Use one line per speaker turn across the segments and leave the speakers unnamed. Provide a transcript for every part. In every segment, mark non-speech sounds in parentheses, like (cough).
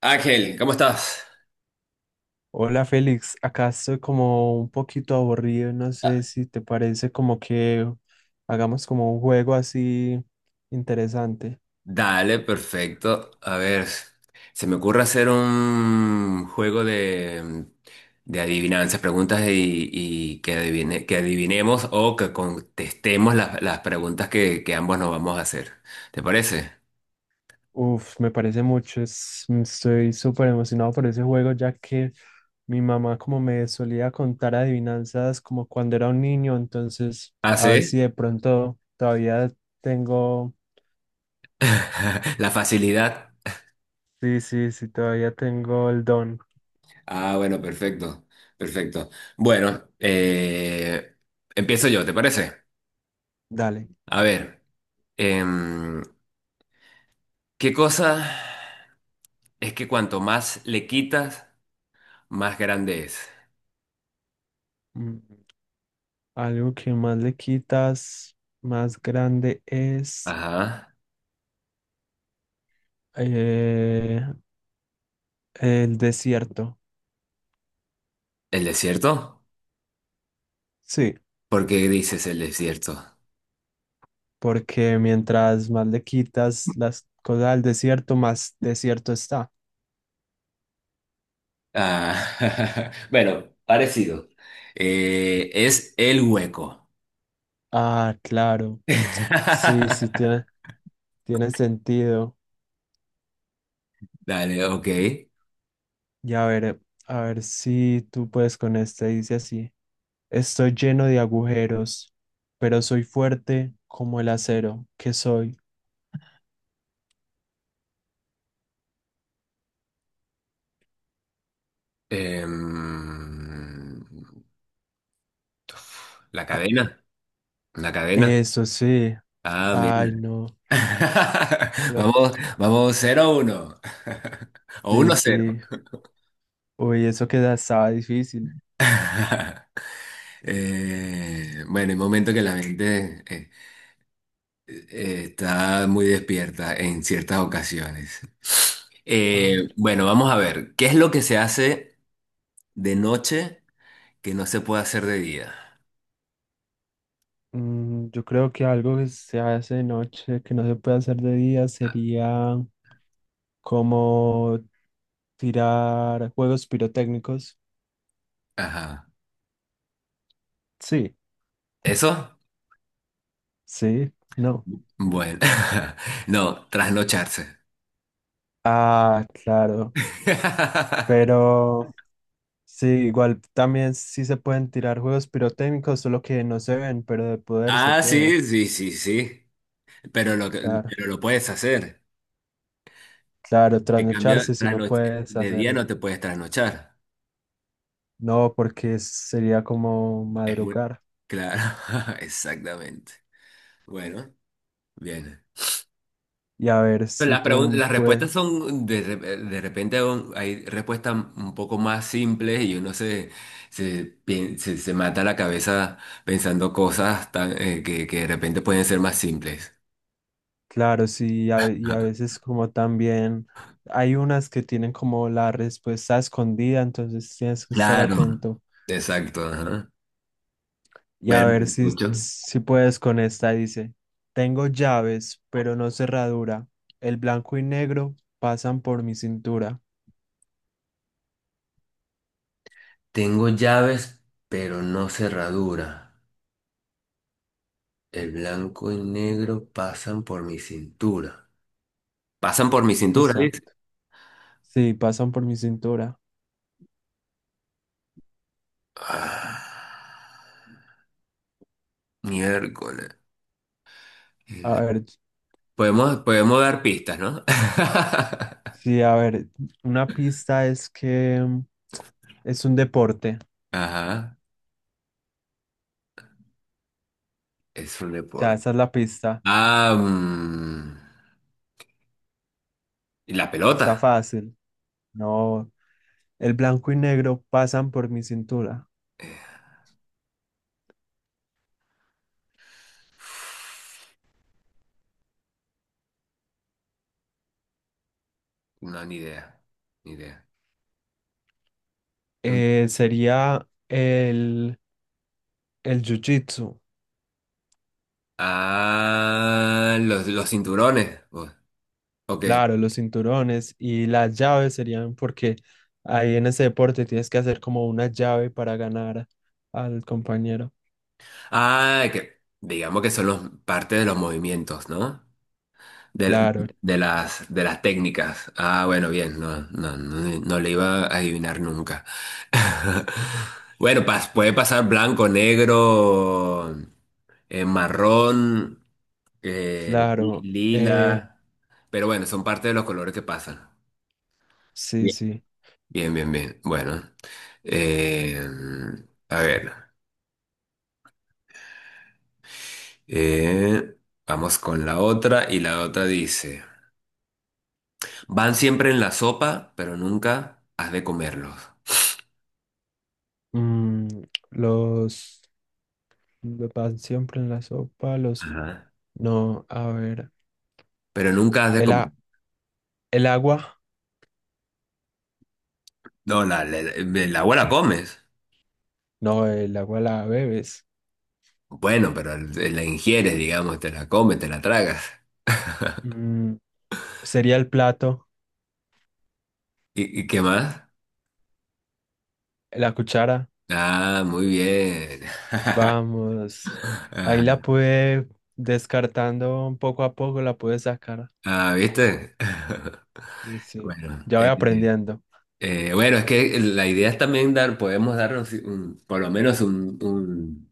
Ángel, ¿cómo estás?
Hola Félix, acá estoy como un poquito aburrido, no sé
Ah.
si te parece como que hagamos como un juego así interesante.
Dale, perfecto. A ver, se me ocurre hacer un juego de, adivinanzas, preguntas y que adivinemos o que contestemos las preguntas que ambos nos vamos a hacer. ¿Te parece?
Uf, me parece mucho, estoy súper emocionado por ese juego ya que mi mamá como me solía contar adivinanzas como cuando era un niño, entonces
¿Ah,
a ver si
sí?
de pronto todavía tengo,
(laughs) La facilidad.
sí, sí, sí, todavía tengo el don.
Ah, bueno, perfecto, perfecto. Bueno, empiezo yo, ¿te parece?
Dale.
A ver, em, ¿qué cosa? Es que cuanto más le quitas, más grande es.
Mm. Algo que más le quitas, más grande es
Ajá.
eh, el desierto.
¿El desierto?
Sí,
¿Por qué dices el desierto?
porque mientras más le quitas las cosas al desierto, más desierto está.
Ah, (laughs) bueno, parecido. Es el hueco.
Ah, claro. Sí, sí,
(laughs)
tiene sentido.
Dale, ok.
Y a ver si tú puedes con este. Dice así. Estoy lleno de agujeros, pero soy fuerte como el acero que soy.
Em, la cadena, la cadena.
Eso sí.
Ah, mira.
Ay, no.
(laughs)
Pero
Vamos, vamos cero a 1. (laughs) O
sí,
uno a 0.
sí. Uy, eso que estaba difícil.
(laughs) Bueno, hay momentos que la mente está muy despierta en ciertas ocasiones.
A ver,
Bueno, vamos a ver, ¿qué es lo que se hace de noche que no se puede hacer de día?
yo creo que algo que se hace de noche, que no se puede hacer de día,
A-
sería como tirar juegos pirotécnicos.
Ajá.
Sí,
¿Eso?
sí, no.
Bueno, (laughs) no, trasnocharse.
Ah, claro.
(laughs)
Pero sí, igual también sí se pueden tirar juegos pirotécnicos, solo que no se ven, pero de poder se
Ah,
puede.
sí, sí, sí, sí.
Claro,
Pero lo puedes hacer.
claro,
En cambio,
trasnocharse si no puedes
de día
hacerlo.
no te puedes trasnochar.
No, porque sería como
Es muy...
madrugar
Claro, (laughs) exactamente. Bueno, bien.
y a ver
Pero
si
las
tú
las
puedes,
respuestas son de repente hay respuestas un poco más simples y uno se mata la cabeza pensando cosas tan, que de repente pueden ser más simples.
claro, sí, a- y a
Ajá.
veces como también hay unas que tienen como la respuesta escondida, entonces tienes que estar
Claro,
atento
exacto, ajá.
y a
Bueno, te
ver si,
escucho.
si puedes con esta, dice, tengo llaves, pero no cerradura, el blanco y negro pasan por mi cintura.
Tengo llaves, pero no cerradura. El blanco y negro pasan por mi cintura. ¿Pasan por mi cintura, dice?
Exacto. Sí, pasan por mi cintura.
Ah, miércoles.
A ver,
Podemos, podemos dar pistas, ¿no? (laughs)
sí, a ver, una pista es que es un deporte.
Ajá, es un
Ya,
deporte.
esa es la pista.
Ah, mm, ¿y la
Está
pelota?
fácil. No, el blanco y negro pasan por mi cintura.
Eh, no, ni idea, ni idea. Un-
Sería el jiu-jitsu.
Ah, los cinturones. Oh, ok.
Claro, los cinturones y las llaves serían porque ahí en ese deporte tienes que hacer como una llave para ganar al compañero.
Ah, que digamos que son los, parte de los movimientos, ¿no? De,
Claro,
de las técnicas. Ah, bueno, bien, no, no, no, no le iba a adivinar nunca. (laughs) Bueno, puede pasar blanco, negro, marrón,
claro.
lila, pero bueno, son parte de los colores que pasan.
Sí,
Bien,
sí.
bien, bien, bien. Bueno, eh, a ver, eh, vamos con la otra y la otra dice, van siempre en la sopa, pero nunca has de comerlos.
Mm, los... Lo pan siempre en la sopa, los...
Ajá.
No, a ver.
Pero nunca has de
El,
comer.
a- el agua.
No, la agua la comes.
No, el agua la bebes.
Bueno, pero la ingieres, digamos, te la comes, te la tragas.
Mm, sería el plato,
Y qué más?
la cuchara.
Ah, muy bien.
Vamos.
(laughs)
Ahí la
Ajá.
pude descartando poco a poco, la pude sacar.
Ah, ¿viste? (laughs)
Sí, sí.
Bueno,
Ya voy aprendiendo.
bueno, es que la idea es también dar, podemos darnos por lo menos un, un-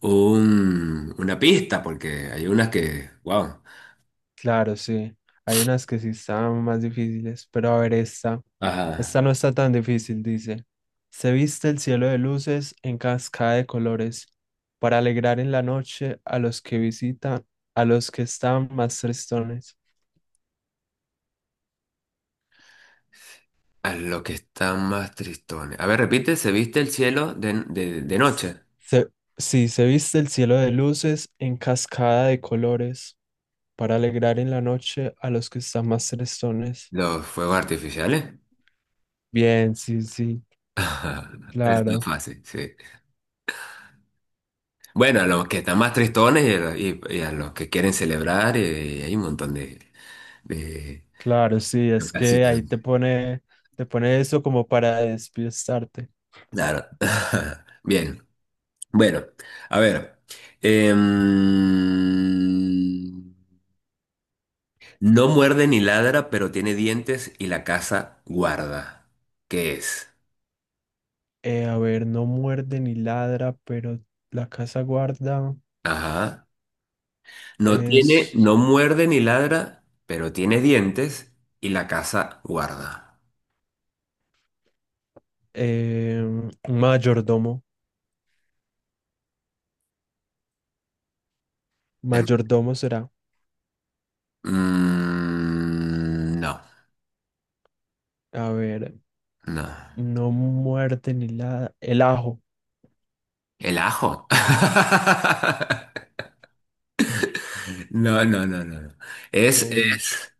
un- una pista, porque hay unas que, wow.
Claro, sí. Hay unas que sí están más difíciles, pero a ver esta.
Ajá.
Esta no está tan difícil, dice. Se viste el cielo de luces en cascada de colores para alegrar en la noche a los que visitan, a los que están más tristones.
A lo que están más tristones. A ver, repite, ¿se viste el cielo de noche?
Se, sí, se viste el cielo de luces en cascada de colores para alegrar en la noche a los que están más tristones.
Los fuegos artificiales.
Bien, sí, sí,
(laughs) Es tan
claro.
fácil, sí. Bueno, a los que están más tristones y a los, y a los que quieren celebrar, hay un montón de
Claro, sí,
de
es que
ocasiones.
ahí te pone eso como para despistarte.
Claro. (laughs) Bien. Bueno, a ver. Em, no muerde ni ladra, pero tiene dientes y la casa guarda. ¿Qué es?
A ver, no muerde ni ladra, pero la casa guarda
Ajá. No tiene,
es
no muerde ni ladra, pero tiene dientes y la casa guarda.
un mayordomo.
Eh,
Mayordomo será.
no,
A ver,
no.
no muerde ni ladra. El ajo.
¿El ajo? (laughs) No, no, no, no, no. Es,
Uy,
es,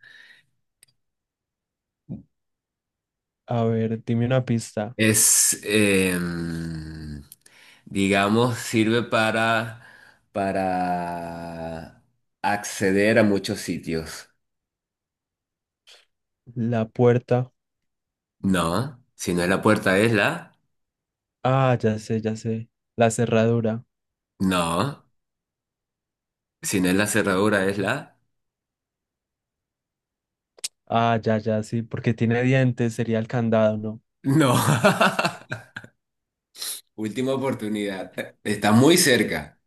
a ver, dime una pista.
es, digamos, sirve para acceder a muchos sitios.
La puerta.
No, si no es la puerta es la.
Ah, ya sé, ya sé. La cerradura.
No, si no es la cerradura es la.
Ah, ya, ya, sí, porque tiene dientes, sería el candado, ¿no?
No. (laughs) Última oportunidad. Está muy cerca.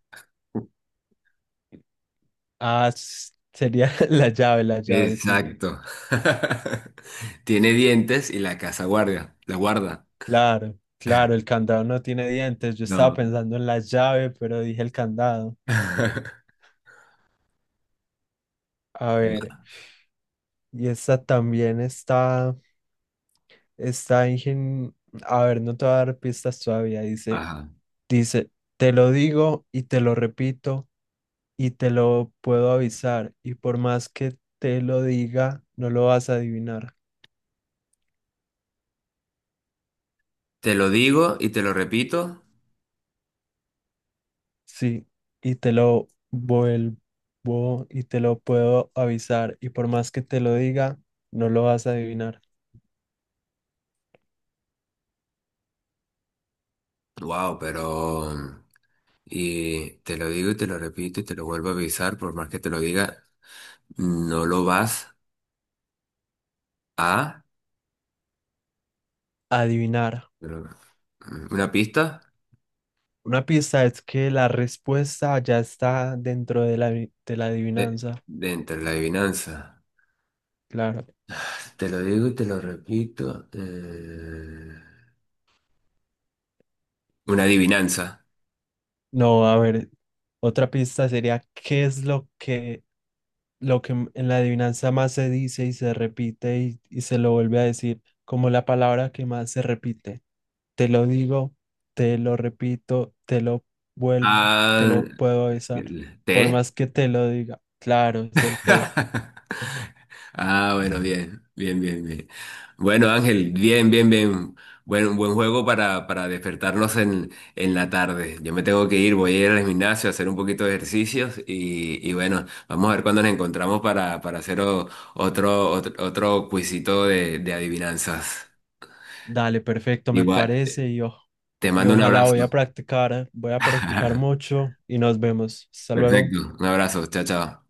Ah, sería (laughs) la llave, sí.
Exacto. (laughs) Tiene dientes y la casa guardia, la guarda.
Claro, claro, el candado no tiene dientes. Yo estaba
No.
pensando en la llave, pero dije el candado.
(laughs)
A ver, y esta también está, está ingen... A ver, no te voy a dar pistas todavía. Dice,
Ajá.
dice, te lo digo y te lo repito y te lo puedo avisar. Y por más que te lo diga, no lo vas a adivinar.
Te lo digo y te lo repito.
Sí, y te lo vuelvo y te lo puedo avisar. Y por más que te lo diga, no lo vas a adivinar.
Wow, pero... Y te lo digo y te lo repito y te lo vuelvo a avisar, por más que te lo diga, no lo vas a...
Adivinar.
pero- Una pista
Una pista es que la respuesta ya está dentro de la, de la
de,
adivinanza.
entre la adivinanza.
Claro.
Te lo digo y te lo repito. Una adivinanza.
No, a ver, otra pista sería, ¿qué es lo que en la adivinanza más se dice y se repite y se lo vuelve a decir, como la palabra que más se repite. Te lo digo, te lo repito, te lo vuelvo, te
Ah,
lo puedo besar, por
¿te?
más que te lo diga. Claro, es el té.
(laughs) Ah, bueno, bien, bien, bien, bien. Bueno, Ángel, bien, bien, bien. Buen juego para despertarnos en la tarde. Yo me tengo que ir, voy a ir al gimnasio a hacer un poquito de ejercicios y bueno, vamos a ver cuándo nos encontramos para hacer otro cuisito de adivinanzas.
Dale, perfecto, me
Igual,
parece y,
te
y
mando un
ojalá
abrazo.
voy a practicar
(laughs)
mucho y nos vemos. Hasta luego.
Perfecto, un abrazo, chao, chao.